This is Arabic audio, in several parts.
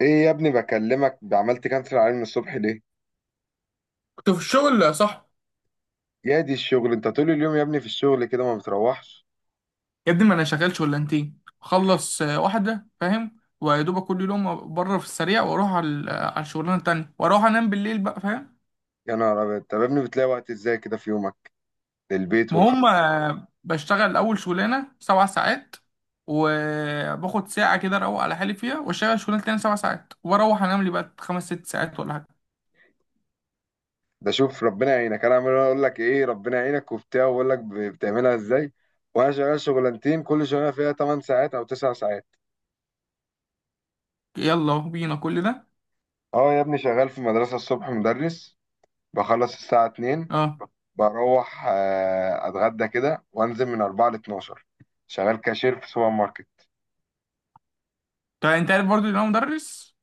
ايه يا ابني؟ بكلمك عملت كانسل عليه من الصبح ليه؟ كنت في الشغل يا صاحبي. يا دي الشغل، انت طول اليوم يا ابني في الشغل كده، ما بتروحش؟ يا ابني ما انا شغال شغلانتين اخلص، واحده فاهم. ويا دوبك كل يوم بره في السريع واروح على على الشغلانه التانيه واروح انام بالليل بقى فاهم. يا نهار ابيض، طب يا ابني بتلاقي وقت ازاي كده في يومك للبيت ما هم بشتغل اول شغلانه 7 ساعات. وباخد ساعه كده اروق على حالي فيها واشتغل الشغلانه التانيه 7 ساعات واروح انام لي بقى خمس ست ساعات ولا حاجه. ده شوف ربنا يعينك، انا عمال اقول لك ايه ربنا يعينك وبتاع، واقول لك بتعملها ازاي؟ وانا شغال شغلانتين، كل شغلانه فيها 8 ساعات او 9 ساعات. يلا بينا كل ده. اه يا ابني شغال في مدرسه الصبح مدرس، بخلص الساعه 2، اه، بروح اتغدى كده وانزل من 4 ل 12 شغال كاشير في سوبر ماركت. طيب انت عارف برضو ان انا مدرس.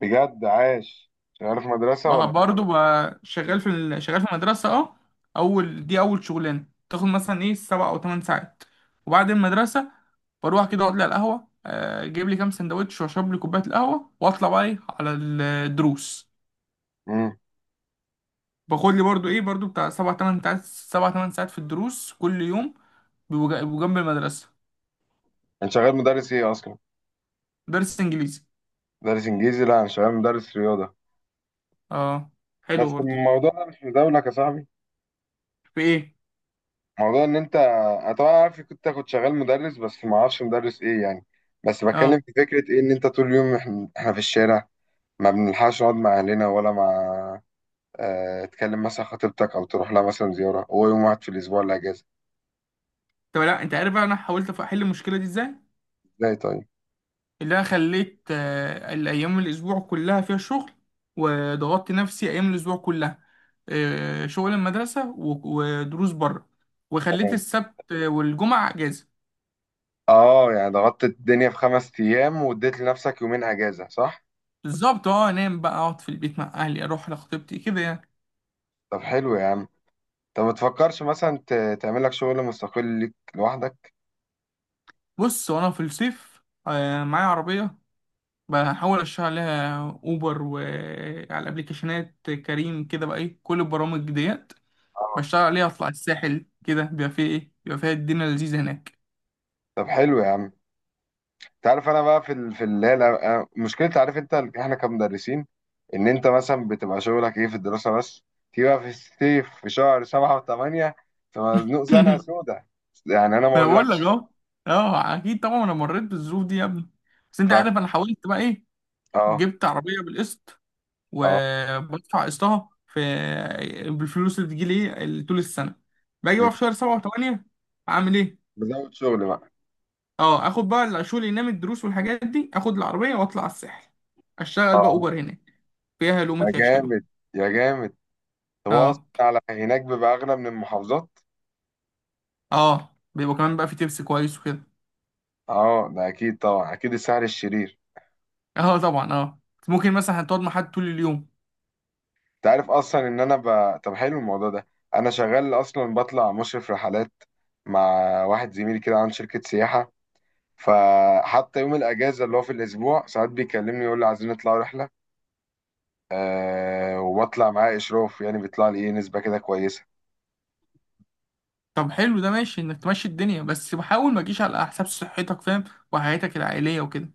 بجد عاش، شغال في مدرسة ولا فين؟ برضو بقى شغال في المدرسة. اه. أول دي أول شغلانة تاخد مثلا إيه 7 أو 8 ساعات. وبعد المدرسة بروح كده أقعد لي على القهوة، أجيب لي كام سندوتش وأشرب لي كوباية القهوة وأطلع بقى إيه على الدروس. امم. باخد لي برضو إيه برضو بتاع 7 8 ساعات 7 8 ساعات في الدروس كل يوم. بيبقوا جنب المدرسة. انت شغال مدرس ايه اصلا؟ درس إنجليزي. مدرس انجليزي، لا انا شغال مدرس رياضة. اه، حلو بس برضو. الموضوع ده مش مداولك يا صاحبي، في إيه؟ موضوع ان انت انا طبعا عارف كنت اخد شغال مدرس، بس ما اعرفش مدرس ايه يعني. بس بتكلم اه، في فكرة ايه، ان انت طول اليوم إحنا في الشارع، ما بنلحقش نقعد مع اهلنا ولا مع، اه تكلم مثلا خطيبتك او تروح لها مثلا زيارة، هو يوم واحد في الاسبوع اللي اجازة. طب لا أنت عارف بقى أنا حاولت أحل المشكلة دي إزاي. ازاي طيب؟ اللي انا خليت الايام الاسبوع كلها فيها شغل. وضغطت نفسي ايام الاسبوع كلها، شغل المدرسه و- ودروس بره. وخليت تمام. السبت والجمعه اجازه. اه يعني ضغطت الدنيا في 5 ايام واديت لنفسك يومين اجازة صح. بالظبط اه، انام بقى اقعد في البيت مع اهلي اروح لخطيبتي كده يعني. طب حلو يا عم. طب ما تفكرش مثلا تعمل لك شغل مستقل ليك لوحدك. بص وانا في الصيف، معايا عربيه. بحاول اشتغل عليها اوبر وعلى الابليكيشنات كريم كده بقى ايه كل البرامج ديت. اه. بشتغل عليها اطلع الساحل كده بيبقى فيه ايه بيبقى فيها الدنيا لذيذه هناك. طب حلو يا عم. تعرف انا بقى في اللي هي مشكلة، عارف انت احنا كمدرسين، ان انت مثلا بتبقى شغلك ايه في الدراسة بس، تيجي بقى في الصيف في شهر 7 وثمانية، فمزنوق زنقة سودة. يعني انا ما انا بقول لك اقولكش. اهو. اه، اكيد طبعا انا مريت بالظروف دي يا ابني. بس انت ف. عارف انا حاولت بقى ايه. اه. جبت عربيه بالقسط اه. وبدفع قسطها في بالفلوس اللي بتجيلي ايه طول السنه. باجي م. بقى في شهر 7 و8. اعمل ايه. بزود شغل بقى. اه، اخد بقى الشغل اللي ينام الدروس والحاجات دي اخد العربيه واطلع على الساحل. اشتغل بقى اه. اوبر هناك. فيها يا لقمة عيش حلوه. جامد. يا جامد. طب هو اصلا اه. على هناك بيبقى اغلى من المحافظات؟ اه، بيبقى كمان بقى في تبس كويس وكده. اه. ده اكيد طبعا، اكيد السعر الشرير. اه طبعا اه. ممكن مثلا هتقعد مع حد طول اليوم. انت عارف اصلا ان انا طب حلو الموضوع ده. انا شغال اصلا بطلع مشرف رحلات، مع واحد زميلي كده عن شركة سياحة، فحتى يوم الاجازة اللي هو في الاسبوع ساعات بيكلمني يقول لي عايزين نطلع رحلة. وبطلع معاه اشراف، يعني بيطلع لي ايه نسبة كده كويسة. طب حلو ده ماشي انك تمشي الدنيا بس بحاول ما تجيش على حساب صحتك فاهم. وحياتك العائليه وكده.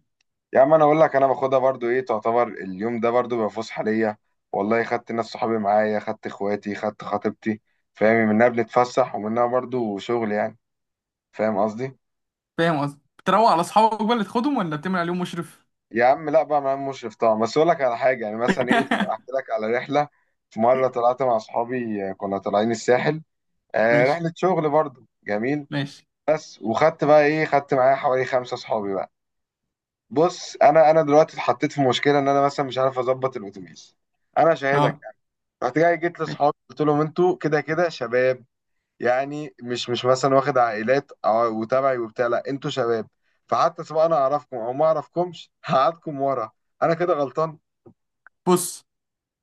يا عم انا اقول لك انا باخدها برضو ايه، تعتبر اليوم ده برضو بيبقى فسحة ليا، والله خدت ناس صحابي معايا، خدت اخواتي، خدت خطيبتي. فاهم منها بنتفسح ومنها برضو شغل يعني، فاهم قصدي. فاهم قصدي؟ بتروق على اصحابك بقى اللي تاخدهم ولا بتعمل عليهم مشرف؟ يا عم لا بقى معايا مشرف طبعا، بس اقول لك على حاجه يعني مثلا ايه، احكي لك على رحله. في مره طلعت مع اصحابي، كنا طالعين الساحل، ماشي. رحله شغل برضو جميل. ماشي. بس وخدت بقى ايه، خدت معايا حوالي خمسه اصحابي بقى. بص انا دلوقتي اتحطيت في مشكله، ان انا مثلا مش عارف اظبط الاتوبيس، انا شاهدك اه، يعني. رحت جيت ماشي. لاصحابي، قلت لهم انتوا كده كده شباب، يعني مش مثلا واخد عائلات وتبعي وبتاع، لا انتوا شباب، فحتى سواء انا اعرفكم او ما اعرفكمش هقعدكم ورا. انا كده غلطان. بص،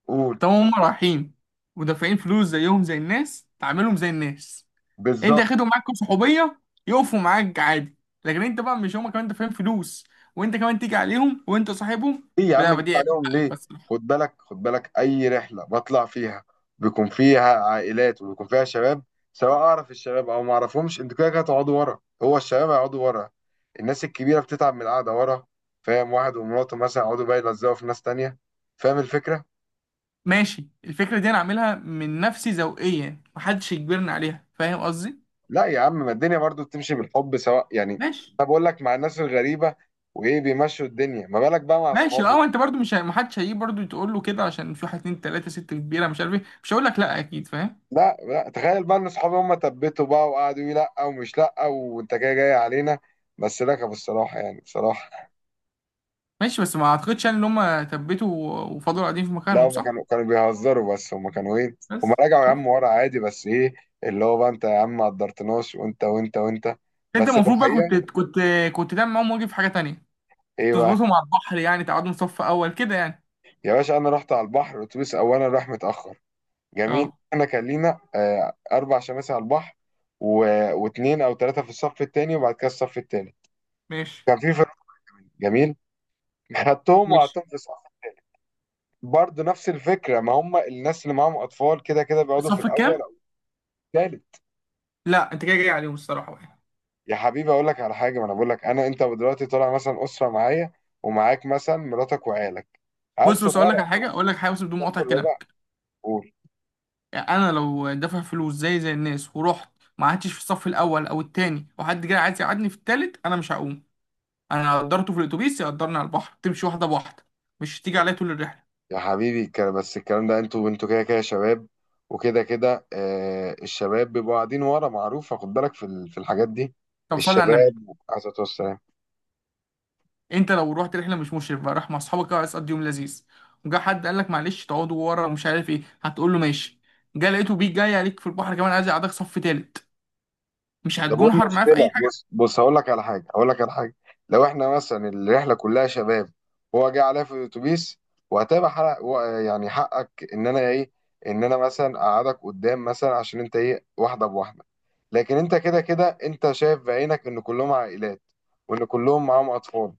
قول. طب هم رايحين ودافعين فلوس زيهم زي الناس تعاملهم زي الناس. انت بالظبط. اخدهم معاك صحوبيه يقفوا معاك عادي. لكن انت بقى مش هما كمان دافعين فلوس؟ وانت كمان تيجي عليهم وانت صاحبهم. ايه يا عم لا جيت دي عيب عليهم حقك ليه؟ بس. خد بالك خد بالك، اي رحله بطلع فيها بيكون فيها عائلات وبيكون فيها شباب، سواء اعرف الشباب او ما اعرفهمش انتوا كده كده هتقعدوا ورا، هو الشباب هيقعدوا ورا، الناس الكبيره بتتعب من القعده ورا، فاهم؟ واحد ومراته مثلا يقعدوا بقى يلزقوا في ناس تانية، فاهم الفكره؟ ماشي الفكرة دي انا عاملها من نفسي ذوقيا محدش يجبرني عليها فاهم قصدي. لا يا عم ما الدنيا برضو بتمشي بالحب سواء يعني، ماشي. انا بقول لك مع الناس الغريبه وايه بيمشوا الدنيا، ما بالك بقى مع ماشي اصحابك. اه، انت برضو مش محدش هيجي برضو تقول له كده عشان في واحد اتنين تلاتة ست كبيرة مش عارف ايه مش هقول لك لا اكيد فاهم. لا لا تخيل بقى ان اصحابي هم تبتوا بقى، وقعدوا يقولوا لا ومش لا وانت جاي جاي علينا، بس ركبوا الصراحه يعني بصراحه. ماشي بس ما اعتقدش يعني ان هم ثبتوا وفضلوا قاعدين في لا مكانهم هم صح. كانوا بيهزروا، بس هم كانوا ايه، هم بس رجعوا يا شوف، عم ورا عادي، بس ايه اللي هو بقى انت يا عم ما قدرتناش وانت وانت وانت، انت بس في المفروض بقى كنت الحقيقه، كنت كنت تعمل معاهم واجب في حاجة تانية. ايه بقى؟ تظبطهم على البحر يعني تقعدهم صف اول كده يعني. يا باشا انا رحت على البحر الاتوبيس اولا راح متاخر، جميل اه، احنا كان لينا اربع شماسي على البحر و... واثنين او ثلاثه في الصف الثاني وبعد كده الصف الثالث، ماشي. كان في فرق، جميل. خدتهم ماشي. وقعدتهم في، برضه نفس الفكره ما هم الناس اللي معاهم اطفال كده كده بيقعدوا في الصف الاول الكام؟ او الثالث. لا انت كده جاي عليهم الصراحة بقى. يا حبيبي اقول لك على حاجه، ما انا بقول لك انا انت دلوقتي طالع مثلا اسره معايا، ومعاك مثلا مراتك وعيالك، بص عرس بص اقول لك وقرع، على حاجة اقول لك حاجة بس بدون الصف مقاطعة الكلام. الرابع. قول. يعني انا لو دافع فلوس زي الناس ورحت ما قعدتش في الصف الاول او التاني وحد جاي عايز يقعدني في التالت انا مش هقوم. انا قدرته في الاتوبيس يقدرني على البحر تمشي واحده بواحده. مش تيجي عليا طول الرحله. يا حبيبي بس الكلام ده، انتوا كده كده شباب، وكده كده الشباب بيبقوا قاعدين ورا معروفه، خد بالك في الحاجات دي طب صلي على النبي. الشباب، عليه الصلاه والسلام. انت لو رحت رحله مش مشرف بقى راح مع اصحابك كده عايز تقضي يوم لذيذ وجا حد قال لك معلش تقعدوا ورا ومش عارف ايه هتقول له ماشي. جا لقيته بيك جاي عليك في البحر كمان عايز يقعدك صف تالت. مش طب وايه هتجون حر معاه في اي. المشكله، بص بص هقول لك على حاجه، هقول لك على حاجه، لو احنا مثلا الرحله كلها شباب، هو جه عليا في الاتوبيس وهتبقى حق يعني حقك ان انا ايه، ان انا مثلا اقعدك قدام مثلا عشان انت ايه واحده بواحده، لكن انت كده كده انت شايف بعينك ان كلهم عائلات وان كلهم معاهم اطفال،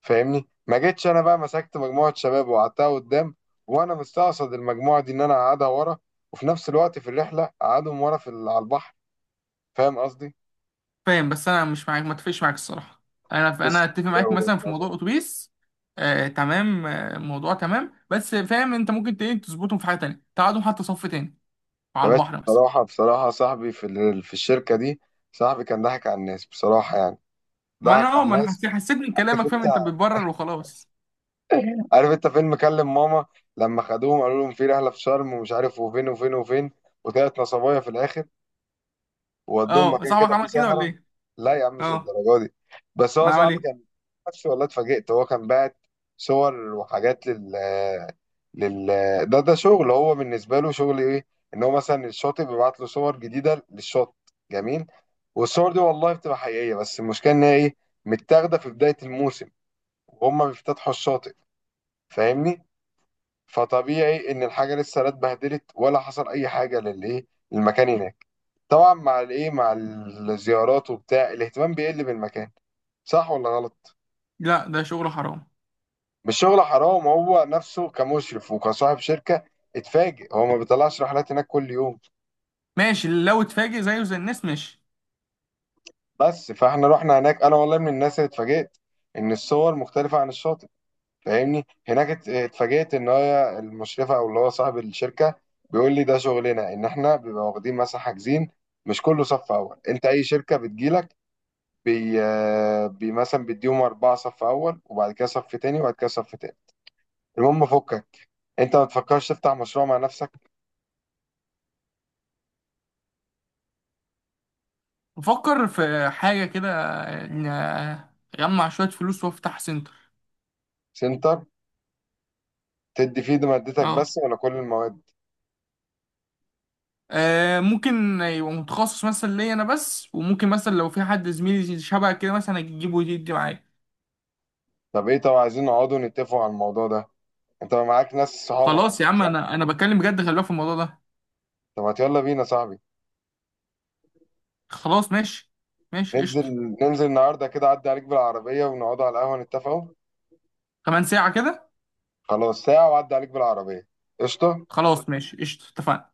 فاهمني؟ ما جيتش انا بقى مسكت مجموعه شباب وقعدتها قدام، وانا مستقصد المجموعه دي ان انا اقعدها ورا، وفي نفس الوقت في الرحله اقعدهم ورا على البحر. فاهم قصدي؟ فاهم بس انا مش معاك ما اتفقش معاك الصراحه. انا بص، اتفق هي معاك وجهة مثلا في نظر. موضوع الاتوبيس. آه تمام، آه الموضوع تمام بس فاهم انت ممكن تظبطهم في حاجه تانية تقعدهم حتى صف تاني يا على باشا البحر مثلا. بصراحة بصراحة، صاحبي في الشركة دي، صاحبي كان ضحك على الناس بصراحة يعني، ما انا ضحك اه على ما انا الناس. حسيت حسيت من عارف كلامك فاهم انت انت، بتبرر وخلاص. عارف انت فيلم كلم ماما؟ لما خدوهم قالوا لهم في رحلة في شرم ومش عارف وفين وفين وفين، وطلعت نصبايا في الآخر، وودوهم اه، مكان صاحبك كده فيه عمل كده ولا سهرة. ايه؟ لا يا عم مش اه. الدرجة دي، بس هو ما عمل صاحبي ايه. كان نفسه، والله اتفاجئت، هو كان باعت صور وحاجات لل لل ده شغل، هو بالنسبة له شغل ايه، ان هو مثلا الشاطئ بيبعت له صور جديدة للشط، جميل. والصور دي والله بتبقى حقيقية، بس المشكلة ان هي ايه، متاخدة في بداية الموسم وهم بيفتتحوا الشاطئ، فاهمني؟ فطبيعي ان الحاجة لسه لا اتبهدلت ولا حصل اي حاجة للايه للمكان هناك، طبعا مع الايه، مع الزيارات وبتاع الاهتمام بيقل بالمكان، صح ولا غلط؟ لا ده شغل حرام. مش شغل حرام، هو نفسه كمشرف وكصاحب شركة اتفاجئ، هو ما بيطلعش رحلات هناك كل يوم. ماشي لو اتفاجئ زيه زي الناس ماشي. بس فاحنا رحنا هناك انا والله من الناس اللي اتفاجئت ان الصور مختلفة عن الشاطئ. فاهمني؟ هناك اتفاجئت ان هي المشرفة او اللي هو صاحب الشركة بيقول لي ده شغلنا، ان احنا بيبقى واخدين مثلا حاجزين مش كله صف اول، انت اي شركة بتجيلك بي مثلا بيديهم أربعة صف أول وبعد كده صف تاني وبعد كده صف تاني. المهم فكك، أنت ما تفكرش تفتح مشروع مع نفسك، بفكر في حاجه كده، اجمع شويه فلوس وافتح سنتر. سنتر تدي فيه دي مادتك اه، بس ولا كل المواد؟ ممكن يبقى متخصص مثلا ليا انا بس وممكن مثلا لو في حد زميلي شبه كده مثلا اجيبه ويدي معايا. طب إيه، طب عايزين نقعدوا نتفقوا على الموضوع ده، أنت معاك ناس صحابك طب خلاص يا عم، صح. انا بتكلم بجد خلي بالك في الموضوع ده. طب ما يلا بينا يا صاحبي، خلاص ماشي. ماشي ننزل، قشطه. ننزل النهاردة كده أعدي عليك بالعربية ونقعدوا على القهوة نتفقوا. كمان ساعه كده. خلاص ساعة وأعدي عليك بالعربية. قشطة. خلاص ماشي قشطه اتفقنا.